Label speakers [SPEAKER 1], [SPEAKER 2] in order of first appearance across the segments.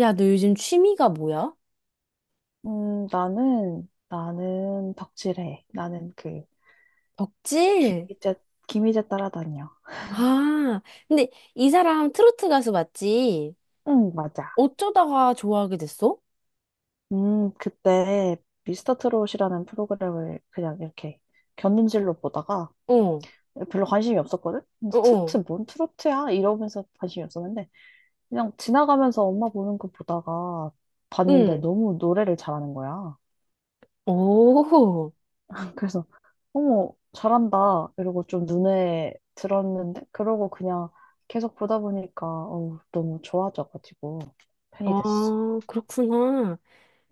[SPEAKER 1] 야, 너 요즘 취미가 뭐야?
[SPEAKER 2] 나는 덕질해. 나는 그,
[SPEAKER 1] 덕질?
[SPEAKER 2] 김희재, 김희재 따라다녀.
[SPEAKER 1] 아, 근데 이 사람 트로트 가수 맞지?
[SPEAKER 2] 응, 맞아.
[SPEAKER 1] 어쩌다가 좋아하게 됐어?
[SPEAKER 2] 그때 미스터 트롯이라는 프로그램을 그냥 이렇게 견눈질로 보다가
[SPEAKER 1] 어, 어,
[SPEAKER 2] 별로 관심이 없었거든?
[SPEAKER 1] 어,
[SPEAKER 2] 트로트, 뭔 트로트야? 이러면서 관심이 없었는데, 그냥 지나가면서 엄마 보는 거 보다가 봤는데
[SPEAKER 1] 응.
[SPEAKER 2] 너무 노래를 잘하는 거야.
[SPEAKER 1] 오,
[SPEAKER 2] 그래서 어머 잘한다 이러고 좀 눈에 들었는데 그러고 그냥 계속 보다 보니까 어우, 너무 좋아져가지고 팬이
[SPEAKER 1] 아,
[SPEAKER 2] 됐어.
[SPEAKER 1] 그렇구나.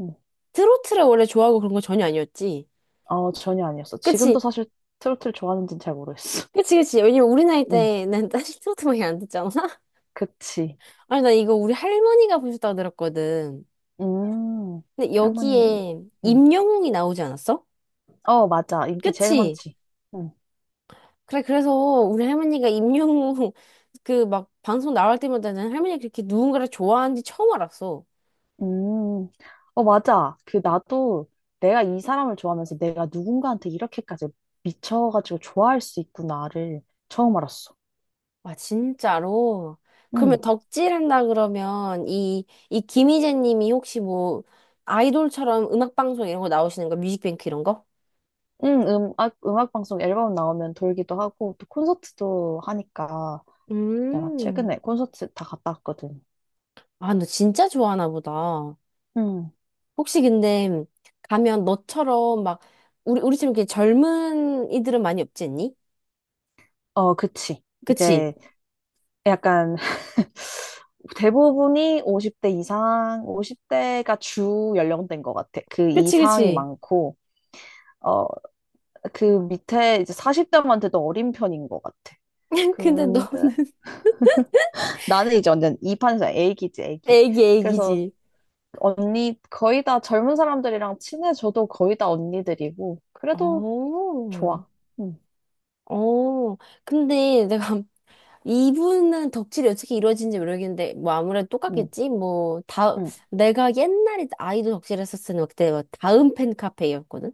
[SPEAKER 2] 응.
[SPEAKER 1] 트로트를 원래 좋아하고 그런 거 전혀 아니었지?
[SPEAKER 2] 어 전혀 아니었어. 지금도
[SPEAKER 1] 그치,
[SPEAKER 2] 사실 트로트를 좋아하는지는 잘 모르겠어.
[SPEAKER 1] 그치, 그치. 왜냐면 우리 나이
[SPEAKER 2] 응,
[SPEAKER 1] 때는 사실 트로트밖에 안 듣잖아?
[SPEAKER 2] 그치.
[SPEAKER 1] 아니, 나 이거 우리 할머니가 보셨다고 들었거든.
[SPEAKER 2] 음,
[SPEAKER 1] 근데
[SPEAKER 2] 할머니.
[SPEAKER 1] 여기에
[SPEAKER 2] 응.
[SPEAKER 1] 임영웅이 나오지 않았어?
[SPEAKER 2] 어 맞아 인기 제일
[SPEAKER 1] 그치?
[SPEAKER 2] 많지. 응.
[SPEAKER 1] 그래, 그래서 우리 할머니가 임영웅 그 막 방송 나올 때마다는 할머니가 그렇게 누군가를 좋아하는지 처음 알았어.
[SPEAKER 2] 음, 어 맞아. 그 나도 내가 이 사람을 좋아하면서 내가 누군가한테 이렇게까지 미쳐가지고 좋아할 수 있구나를 처음 알았어.
[SPEAKER 1] 와, 진짜로? 그러면
[SPEAKER 2] 응,
[SPEAKER 1] 덕질한다 그러면 이 김희재 님이 혹시 뭐 아이돌처럼 음악방송 이런 거 나오시는 거? 뮤직뱅크 이런 거?
[SPEAKER 2] 응, 음악 방송 앨범 나오면 돌기도 하고, 또 콘서트도 하니까, 내가
[SPEAKER 1] 음.
[SPEAKER 2] 최근에 콘서트 다 갔다 왔거든.
[SPEAKER 1] 아, 너 진짜 좋아하나 보다.
[SPEAKER 2] 응,
[SPEAKER 1] 혹시 근데 가면 너처럼 막 우리처럼 이렇게 젊은 이들은 많이 없지 않니?
[SPEAKER 2] 어, 그치.
[SPEAKER 1] 그치?
[SPEAKER 2] 이제 약간, 대부분이 50대 이상, 50대가 주 연령대인 것 같아. 그
[SPEAKER 1] 그치,
[SPEAKER 2] 이상이
[SPEAKER 1] 그치.
[SPEAKER 2] 많고, 어, 그 밑에 이제 40대한테도 어린 편인 것 같아.
[SPEAKER 1] 근데
[SPEAKER 2] 근데
[SPEAKER 1] 너는
[SPEAKER 2] 나는 이제 완전 이 판에서 애기지, 애기.
[SPEAKER 1] 애기,
[SPEAKER 2] 그래서
[SPEAKER 1] 애기지.
[SPEAKER 2] 언니 거의 다 젊은 사람들이랑 친해져도 거의 다 언니들이고 그래도
[SPEAKER 1] 어,
[SPEAKER 2] 좋아. 응,
[SPEAKER 1] 어. 근데 내가 이분은 덕질이 어떻게 이루어진지 모르겠는데, 뭐 아무래도
[SPEAKER 2] 응,
[SPEAKER 1] 똑같겠지? 뭐, 다,
[SPEAKER 2] 응,
[SPEAKER 1] 내가 옛날에 아이돌 덕질했었을 때 그때 뭐 다음 팬 카페였거든?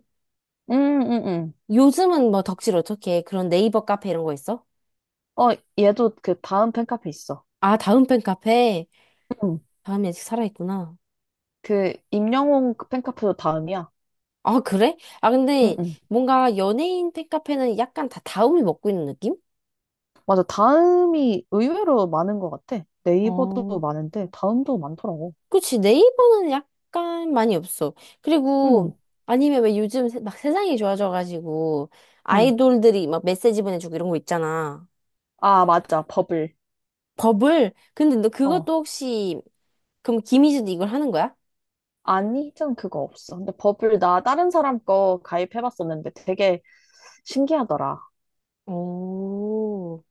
[SPEAKER 2] 응, 응, 응.
[SPEAKER 1] 요즘은 뭐 덕질 어떻게 해? 그런 네이버 카페 이런 거 있어?
[SPEAKER 2] 어, 얘도 그 다음 팬카페 있어.
[SPEAKER 1] 아, 다음 팬 카페.
[SPEAKER 2] 응.
[SPEAKER 1] 다음이 아직 살아있구나.
[SPEAKER 2] 그 임영웅 그 팬카페도 다음이야.
[SPEAKER 1] 아, 그래? 아,
[SPEAKER 2] 응,
[SPEAKER 1] 근데
[SPEAKER 2] 응.
[SPEAKER 1] 뭔가 연예인 팬 카페는 약간 다 다음이 먹고 있는 느낌?
[SPEAKER 2] 맞아. 다음이 의외로 많은 것 같아. 네이버도
[SPEAKER 1] 어.
[SPEAKER 2] 많은데 다음도 많더라고.
[SPEAKER 1] 그치, 네이버는 약간 많이 없어.
[SPEAKER 2] 응,
[SPEAKER 1] 그리고, 아니면 왜 요즘 막 세상이 좋아져가지고,
[SPEAKER 2] 응.
[SPEAKER 1] 아이돌들이 막 메시지 보내주고 이런 거 있잖아.
[SPEAKER 2] 아, 맞아. 버블.
[SPEAKER 1] 버블? 근데 너 그것도
[SPEAKER 2] 어.
[SPEAKER 1] 혹시, 그럼 김희재도 이걸 하는 거야?
[SPEAKER 2] 아니, 전 그거 없어. 근데 버블 나 다른 사람 거 가입해봤었는데 되게 신기하더라.
[SPEAKER 1] 오,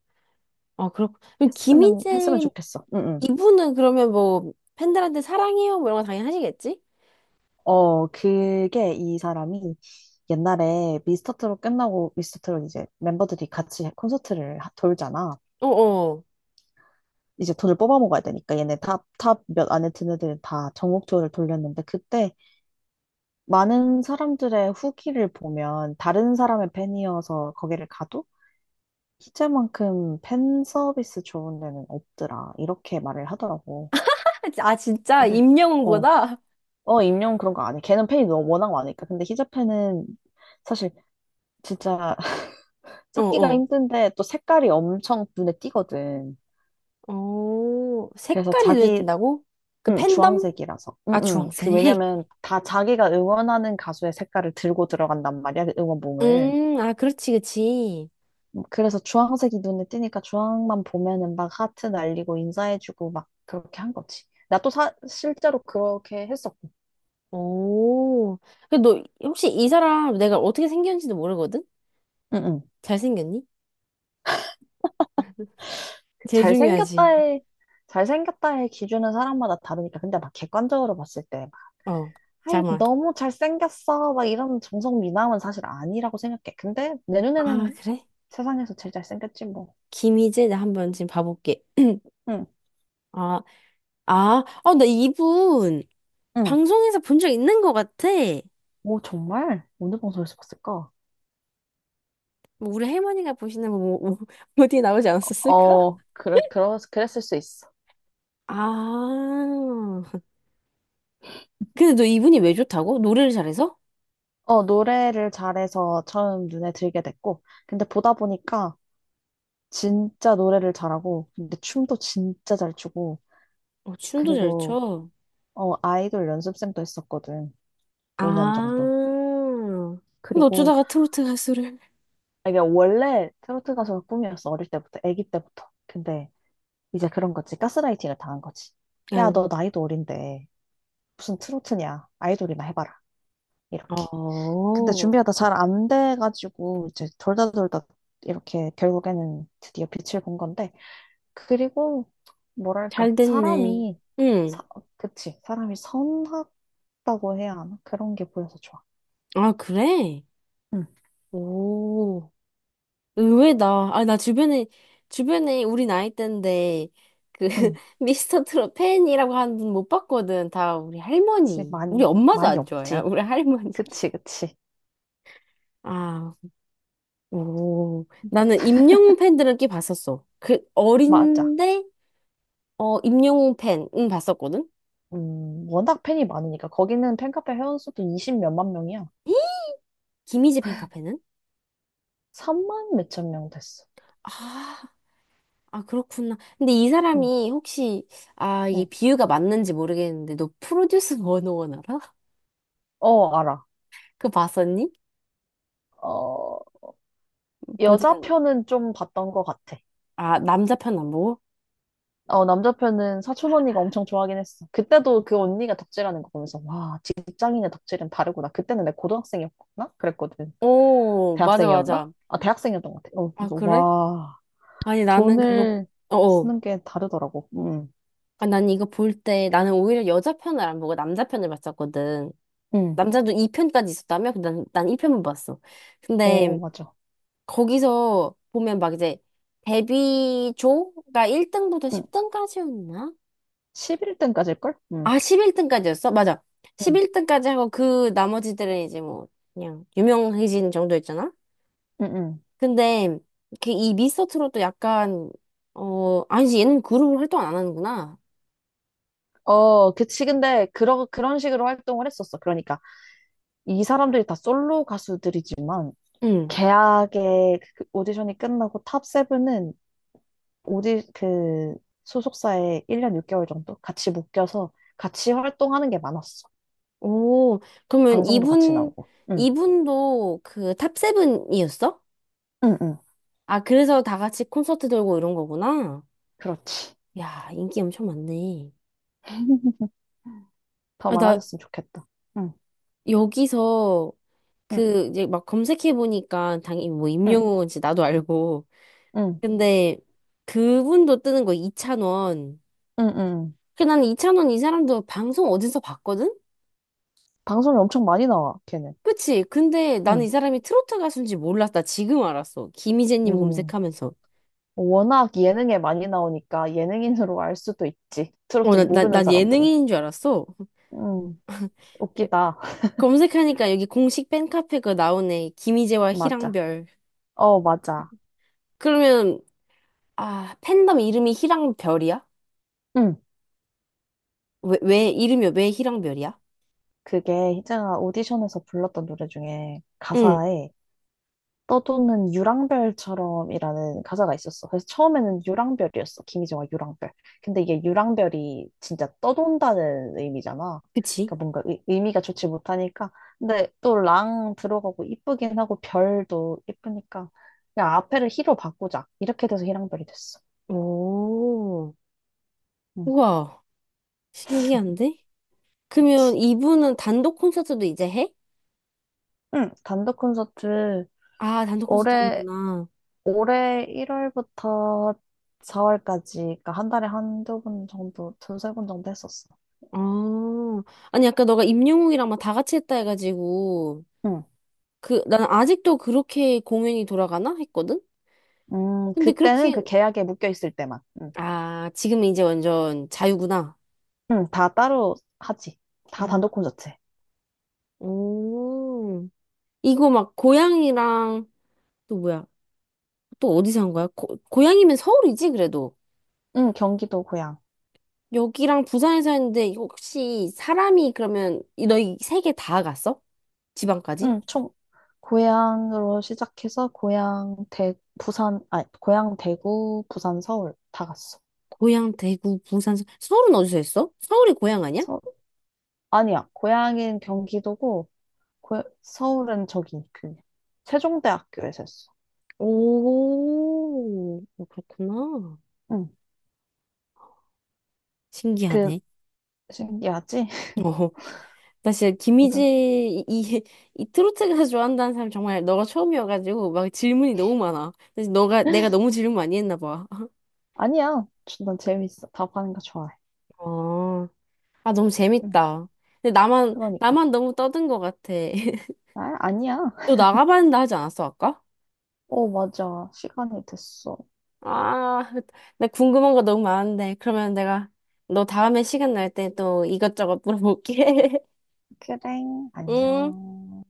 [SPEAKER 1] 아, 그렇, 그럼
[SPEAKER 2] 했으면
[SPEAKER 1] 김희재,
[SPEAKER 2] 좋겠어. 응, 응.
[SPEAKER 1] 이분은 그러면 뭐, 팬들한테 사랑해요? 뭐 이런 거 당연히 하시겠지?
[SPEAKER 2] 어, 그게 이 사람이 옛날에 미스터 트롯 끝나고 미스터 트롯 이제 멤버들이 같이 콘서트를 하- 돌잖아.
[SPEAKER 1] 어어.
[SPEAKER 2] 이제 돈을 뽑아 먹어야 되니까 얘네 탑 몇 안에 드는 애들은 다 전국 투어를 돌렸는데 그때 많은 사람들의 후기를 보면 다른 사람의 팬이어서 거기를 가도 희재만큼 팬 서비스 좋은 데는 없더라. 이렇게 말을 하더라고.
[SPEAKER 1] 아, 진짜?
[SPEAKER 2] 근데, 어,
[SPEAKER 1] 임영웅보다?
[SPEAKER 2] 어, 임용 그런 거 안 해. 걔는 팬이 너무 워낙 많으니까. 근데 히잡팬은 사실 진짜 찾기가
[SPEAKER 1] 어어.
[SPEAKER 2] 힘든데 또 색깔이 엄청 눈에 띄거든.
[SPEAKER 1] 오,
[SPEAKER 2] 그래서
[SPEAKER 1] 색깔이 눈에
[SPEAKER 2] 자기,
[SPEAKER 1] 띈다고? 그
[SPEAKER 2] 응,
[SPEAKER 1] 팬덤?
[SPEAKER 2] 주황색이라서. 응,
[SPEAKER 1] 아,
[SPEAKER 2] 응. 그
[SPEAKER 1] 주황색.
[SPEAKER 2] 왜냐면 다 자기가 응원하는 가수의 색깔을 들고 들어간단 말이야, 그 응원봉을.
[SPEAKER 1] 아, 그렇지, 그렇지.
[SPEAKER 2] 그래서 주황색이 눈에 띄니까 주황만 보면은 막 하트 날리고 인사해주고 막 그렇게 한 거지. 나 또 사, 실제로 그렇게 했었고.
[SPEAKER 1] 오. 근데 너 혹시 이 사람 내가 어떻게 생겼는지도 모르거든?
[SPEAKER 2] 응, 응.
[SPEAKER 1] 잘생겼니?
[SPEAKER 2] 그
[SPEAKER 1] 제일 중요하지.
[SPEAKER 2] 잘생겼다의, 잘생겼다의 기준은 사람마다 다르니까. 근데 막 객관적으로 봤을 때, 막,
[SPEAKER 1] 어,
[SPEAKER 2] 아이,
[SPEAKER 1] 잠깐만.
[SPEAKER 2] 너무 잘생겼어. 막 이런 정성 미남은 사실 아니라고 생각해. 근데 내
[SPEAKER 1] 아,
[SPEAKER 2] 눈에는
[SPEAKER 1] 그래?
[SPEAKER 2] 세상에서 제일 잘생겼지, 뭐.
[SPEAKER 1] 김희재, 나 한번 지금 봐볼게.
[SPEAKER 2] 응.
[SPEAKER 1] 아, 아, 어, 나 이분
[SPEAKER 2] 응.
[SPEAKER 1] 방송에서 본 적 있는 것 같아.
[SPEAKER 2] 뭐 정말? 어느 방송에서 봤을까?
[SPEAKER 1] 뭐 우리 할머니가 보시는 뭐 어디에 나오지 않았었을까?
[SPEAKER 2] 어, 그래, 그러, 그랬을 수 있어.
[SPEAKER 1] 아, 근데 너 이분이 왜 좋다고? 노래를 잘해서?
[SPEAKER 2] 어, 노래를 잘해서 처음 눈에 들게 됐고, 근데 보다 보니까 진짜 노래를 잘하고, 근데 춤도 진짜 잘 추고,
[SPEAKER 1] 어, 춤도 잘
[SPEAKER 2] 그리고,
[SPEAKER 1] 춰.
[SPEAKER 2] 어, 아이돌 연습생도 했었거든. 5년 정도.
[SPEAKER 1] 아. 근데
[SPEAKER 2] 그리고
[SPEAKER 1] 어쩌다가 트로트 가수를.
[SPEAKER 2] 아, 이게 원래 트로트 가수가 꿈이었어. 어릴 때부터, 아기 때부터. 근데 이제 그런 거지. 가스라이팅을 당한 거지. 야, 너
[SPEAKER 1] 아,
[SPEAKER 2] 나이도 어린데 무슨 트로트냐. 아이돌이나 해봐라. 이렇게. 근데
[SPEAKER 1] 어,
[SPEAKER 2] 준비하다 잘 안 돼가지고 이제 돌다 이렇게 결국에는 드디어 빛을 본 건데. 그리고 뭐랄까
[SPEAKER 1] 잘 됐네.
[SPEAKER 2] 사람이
[SPEAKER 1] 응.
[SPEAKER 2] 사, 그치. 사람이 선하다고 해야 하나? 그런 게 보여서 좋아.
[SPEAKER 1] 아, 그래?
[SPEAKER 2] 응,
[SPEAKER 1] 오. 의외다. 아, 나 주변에, 주변에 우리 나이 때인데, 그,
[SPEAKER 2] 응.
[SPEAKER 1] 미스터 트롯 팬이라고 하는 분 못 봤거든. 다 우리
[SPEAKER 2] 진짜
[SPEAKER 1] 할머니. 우리 엄마도
[SPEAKER 2] 많이
[SPEAKER 1] 안 좋아해.
[SPEAKER 2] 없지.
[SPEAKER 1] 우리 할머니.
[SPEAKER 2] 그치, 그치.
[SPEAKER 1] 아, 오, 나는 임영웅 팬들은 꽤 봤었어. 그,
[SPEAKER 2] 맞아.
[SPEAKER 1] 어린데, 어, 임영웅 팬은 봤었거든.
[SPEAKER 2] 워낙 팬이 많으니까. 거기는 팬카페 회원수도 이십 몇만 명이야.
[SPEAKER 1] 김희지 팬카페는?
[SPEAKER 2] 삼만 몇천 명 됐어.
[SPEAKER 1] 아, 아, 그렇구나. 근데 이
[SPEAKER 2] 응,
[SPEAKER 1] 사람이 혹시, 아, 이게
[SPEAKER 2] 응.
[SPEAKER 1] 비유가 맞는지 모르겠는데, 너 프로듀스 101 알아?
[SPEAKER 2] 어, 알아.
[SPEAKER 1] 그거 봤었니?
[SPEAKER 2] 어,
[SPEAKER 1] 보진,
[SPEAKER 2] 여자
[SPEAKER 1] 않-
[SPEAKER 2] 편은 좀 봤던 것 같아.
[SPEAKER 1] 아, 남자 편 안 보고?
[SPEAKER 2] 어, 남자 편은 사촌 언니가 엄청 좋아하긴 했어. 그때도 그 언니가 덕질하는 거 보면서, 와, 직장인의 덕질은 다르구나. 그때는 내가 고등학생이었나? 그랬거든.
[SPEAKER 1] 오, 맞아,
[SPEAKER 2] 대학생이었나?
[SPEAKER 1] 맞아.
[SPEAKER 2] 아, 대학생이었던 것 같아. 어,
[SPEAKER 1] 아,
[SPEAKER 2] 그래서
[SPEAKER 1] 그래?
[SPEAKER 2] 와,
[SPEAKER 1] 아니, 나는 그거,
[SPEAKER 2] 돈을
[SPEAKER 1] 어어.
[SPEAKER 2] 쓰는 게 다르더라고. 응,
[SPEAKER 1] 아, 난 이거 볼 때, 나는 오히려 여자 편을 안 보고 남자 편을 봤었거든.
[SPEAKER 2] 응.
[SPEAKER 1] 남자도 2편까지 있었다며? 근데 난 1편만 봤어.
[SPEAKER 2] 어, 어,
[SPEAKER 1] 근데,
[SPEAKER 2] 맞아.
[SPEAKER 1] 거기서 보면 막 이제 데뷔조가 1등부터
[SPEAKER 2] 응.
[SPEAKER 1] 10등까지였나?
[SPEAKER 2] 11등까지일걸? 응,
[SPEAKER 1] 아, 11등까지였어? 맞아.
[SPEAKER 2] 응,
[SPEAKER 1] 11등까지 하고 그 나머지들은 이제 뭐 그냥 유명해진 정도였잖아?
[SPEAKER 2] 응, 응.
[SPEAKER 1] 근데 그 이 미스터트롯도 약간 어, 아니지 얘는 그룹을 활동 안 하는구나.
[SPEAKER 2] 어, 그치. 근데, 그러, 그런 식으로 활동을 했었어. 그러니까, 이 사람들이 다 솔로 가수들이지만,
[SPEAKER 1] 응.
[SPEAKER 2] 계약의 그 오디션이 끝나고 탑세븐은 오디, 그, 소속사에 1년 6개월 정도 같이 묶여서 같이 활동하는 게 많았어.
[SPEAKER 1] 오, 그러면
[SPEAKER 2] 방송도 같이
[SPEAKER 1] 이분
[SPEAKER 2] 나오고. 응,
[SPEAKER 1] 이분도 그 탑세븐이었어?
[SPEAKER 2] 응, 응.
[SPEAKER 1] 아, 그래서 다 같이 콘서트 돌고 이런 거구나.
[SPEAKER 2] 그렇지.
[SPEAKER 1] 야, 인기 엄청 많네.
[SPEAKER 2] 더
[SPEAKER 1] 아나
[SPEAKER 2] 많아졌으면 좋겠다. 응,
[SPEAKER 1] 여기서
[SPEAKER 2] 응,
[SPEAKER 1] 그 이제 막 검색해 보니까 당연히 뭐
[SPEAKER 2] 응,
[SPEAKER 1] 임영웅인지 나도 알고
[SPEAKER 2] 응,
[SPEAKER 1] 근데 그분도 뜨는 거 이찬원
[SPEAKER 2] 응, 응.
[SPEAKER 1] 그 나는 이찬원 이 사람도 방송 어디서 봤거든?
[SPEAKER 2] 방송이 엄청 많이 나와, 걔는.
[SPEAKER 1] 그치? 근데 나는 이
[SPEAKER 2] 응,
[SPEAKER 1] 사람이 트로트 가수인지 몰랐다 지금 알았어 김희재님
[SPEAKER 2] 응.
[SPEAKER 1] 검색하면서
[SPEAKER 2] 워낙 예능에 많이 나오니까 예능인으로 알 수도 있지.
[SPEAKER 1] 어,
[SPEAKER 2] 트로트
[SPEAKER 1] 나, 나,
[SPEAKER 2] 모르는
[SPEAKER 1] 난
[SPEAKER 2] 사람들은.
[SPEAKER 1] 예능인인 줄 알았어
[SPEAKER 2] 음,
[SPEAKER 1] 그-
[SPEAKER 2] 웃기다.
[SPEAKER 1] 검색하니까 여기 공식 팬카페 가 나오네 김희재와
[SPEAKER 2] 맞아.
[SPEAKER 1] 희랑별
[SPEAKER 2] 어, 맞아.
[SPEAKER 1] 그러면 아 팬덤 이름이 희랑별이야?
[SPEAKER 2] 음,
[SPEAKER 1] 왜, 왜 이름이 왜 희랑별이야?
[SPEAKER 2] 그게 희정아 오디션에서 불렀던 노래 중에
[SPEAKER 1] 응.
[SPEAKER 2] 가사에 떠도는 유랑별처럼이라는 가사가 있었어. 그래서 처음에는 유랑별이었어. 김희정아 유랑별. 근데 이게 유랑별이 진짜 떠돈다는 의미잖아.
[SPEAKER 1] 그치?
[SPEAKER 2] 그러니까 뭔가 의미가 좋지 못하니까. 근데 또 랑 들어가고 이쁘긴 하고 별도 이쁘니까 그냥 앞에를 희로 바꾸자. 이렇게 돼서 희랑별이 됐어.
[SPEAKER 1] 오,
[SPEAKER 2] 응,
[SPEAKER 1] 우와, 신기한데? 그러면
[SPEAKER 2] 그치.
[SPEAKER 1] 이분은 단독 콘서트도 이제 해?
[SPEAKER 2] 응, 단독 콘서트
[SPEAKER 1] 아, 단독 콘서트
[SPEAKER 2] 올해
[SPEAKER 1] 하는구나.
[SPEAKER 2] 올해 1월부터 4월까지 그러니까 한 달에 한두 번 정도, 두세 번 정도 했었어.
[SPEAKER 1] 아, 아니, 아까 너가 임영웅이랑 막 다 같이 했다 해가지고,
[SPEAKER 2] 응.
[SPEAKER 1] 그, 난 아직도 그렇게 공연이 돌아가나? 했거든? 근데
[SPEAKER 2] 그때는 그
[SPEAKER 1] 그렇게,
[SPEAKER 2] 계약에 묶여 있을 때만.
[SPEAKER 1] 아, 지금은 이제 완전 자유구나.
[SPEAKER 2] 다 따로 하지. 다
[SPEAKER 1] 아,
[SPEAKER 2] 단독 콘서트.
[SPEAKER 1] 오, 이거 막 고양이랑, 또 뭐야? 또 어디서 한 거야? 고, 고양이면 서울이지, 그래도.
[SPEAKER 2] 경기도 고향.
[SPEAKER 1] 여기랑 부산에 서 했는데 이거 혹시 사람이 그러면 너희 세 개 다 갔어? 지방까지?
[SPEAKER 2] 총 고향으로 시작해서 고향 대 부산 아니 고향 대구 부산 서울 다 갔어.
[SPEAKER 1] 고향, 대구, 부산, 서울은 어디서 했어? 서울이 고향 아니야?
[SPEAKER 2] 서 아니야. 고향인 경기도고 고, 서울은 저기 그 세종대학교에서 했어.
[SPEAKER 1] 오, 어, 그렇구나.
[SPEAKER 2] 응. 그
[SPEAKER 1] 신기하네.
[SPEAKER 2] 신기하지?
[SPEAKER 1] 어, 나 진짜 김희재
[SPEAKER 2] 이름
[SPEAKER 1] 이, 이, 이 트로트 가수 좋아한다는 사람 정말 너가 처음이어가지고 막 질문이 너무 많아. 근데 너가 내가 너무 질문 많이 했나 봐.
[SPEAKER 2] 아니야. 난 재밌어. 답하는 거 좋아해.
[SPEAKER 1] 어, 아 너무
[SPEAKER 2] 응.
[SPEAKER 1] 재밌다. 근데 나만
[SPEAKER 2] 그러니까.
[SPEAKER 1] 나만 너무 떠든 것 같아.
[SPEAKER 2] 아, 아니야.
[SPEAKER 1] 너 나가봤는데 하지 않았어 아까?
[SPEAKER 2] 어, 맞아. 시간이 됐어.
[SPEAKER 1] 아, 나 궁금한 거 너무 많은데. 그러면 내가 너 다음에 시간 날 때 또 이것저것 물어볼게.
[SPEAKER 2] 그래,
[SPEAKER 1] 음.
[SPEAKER 2] 안녕.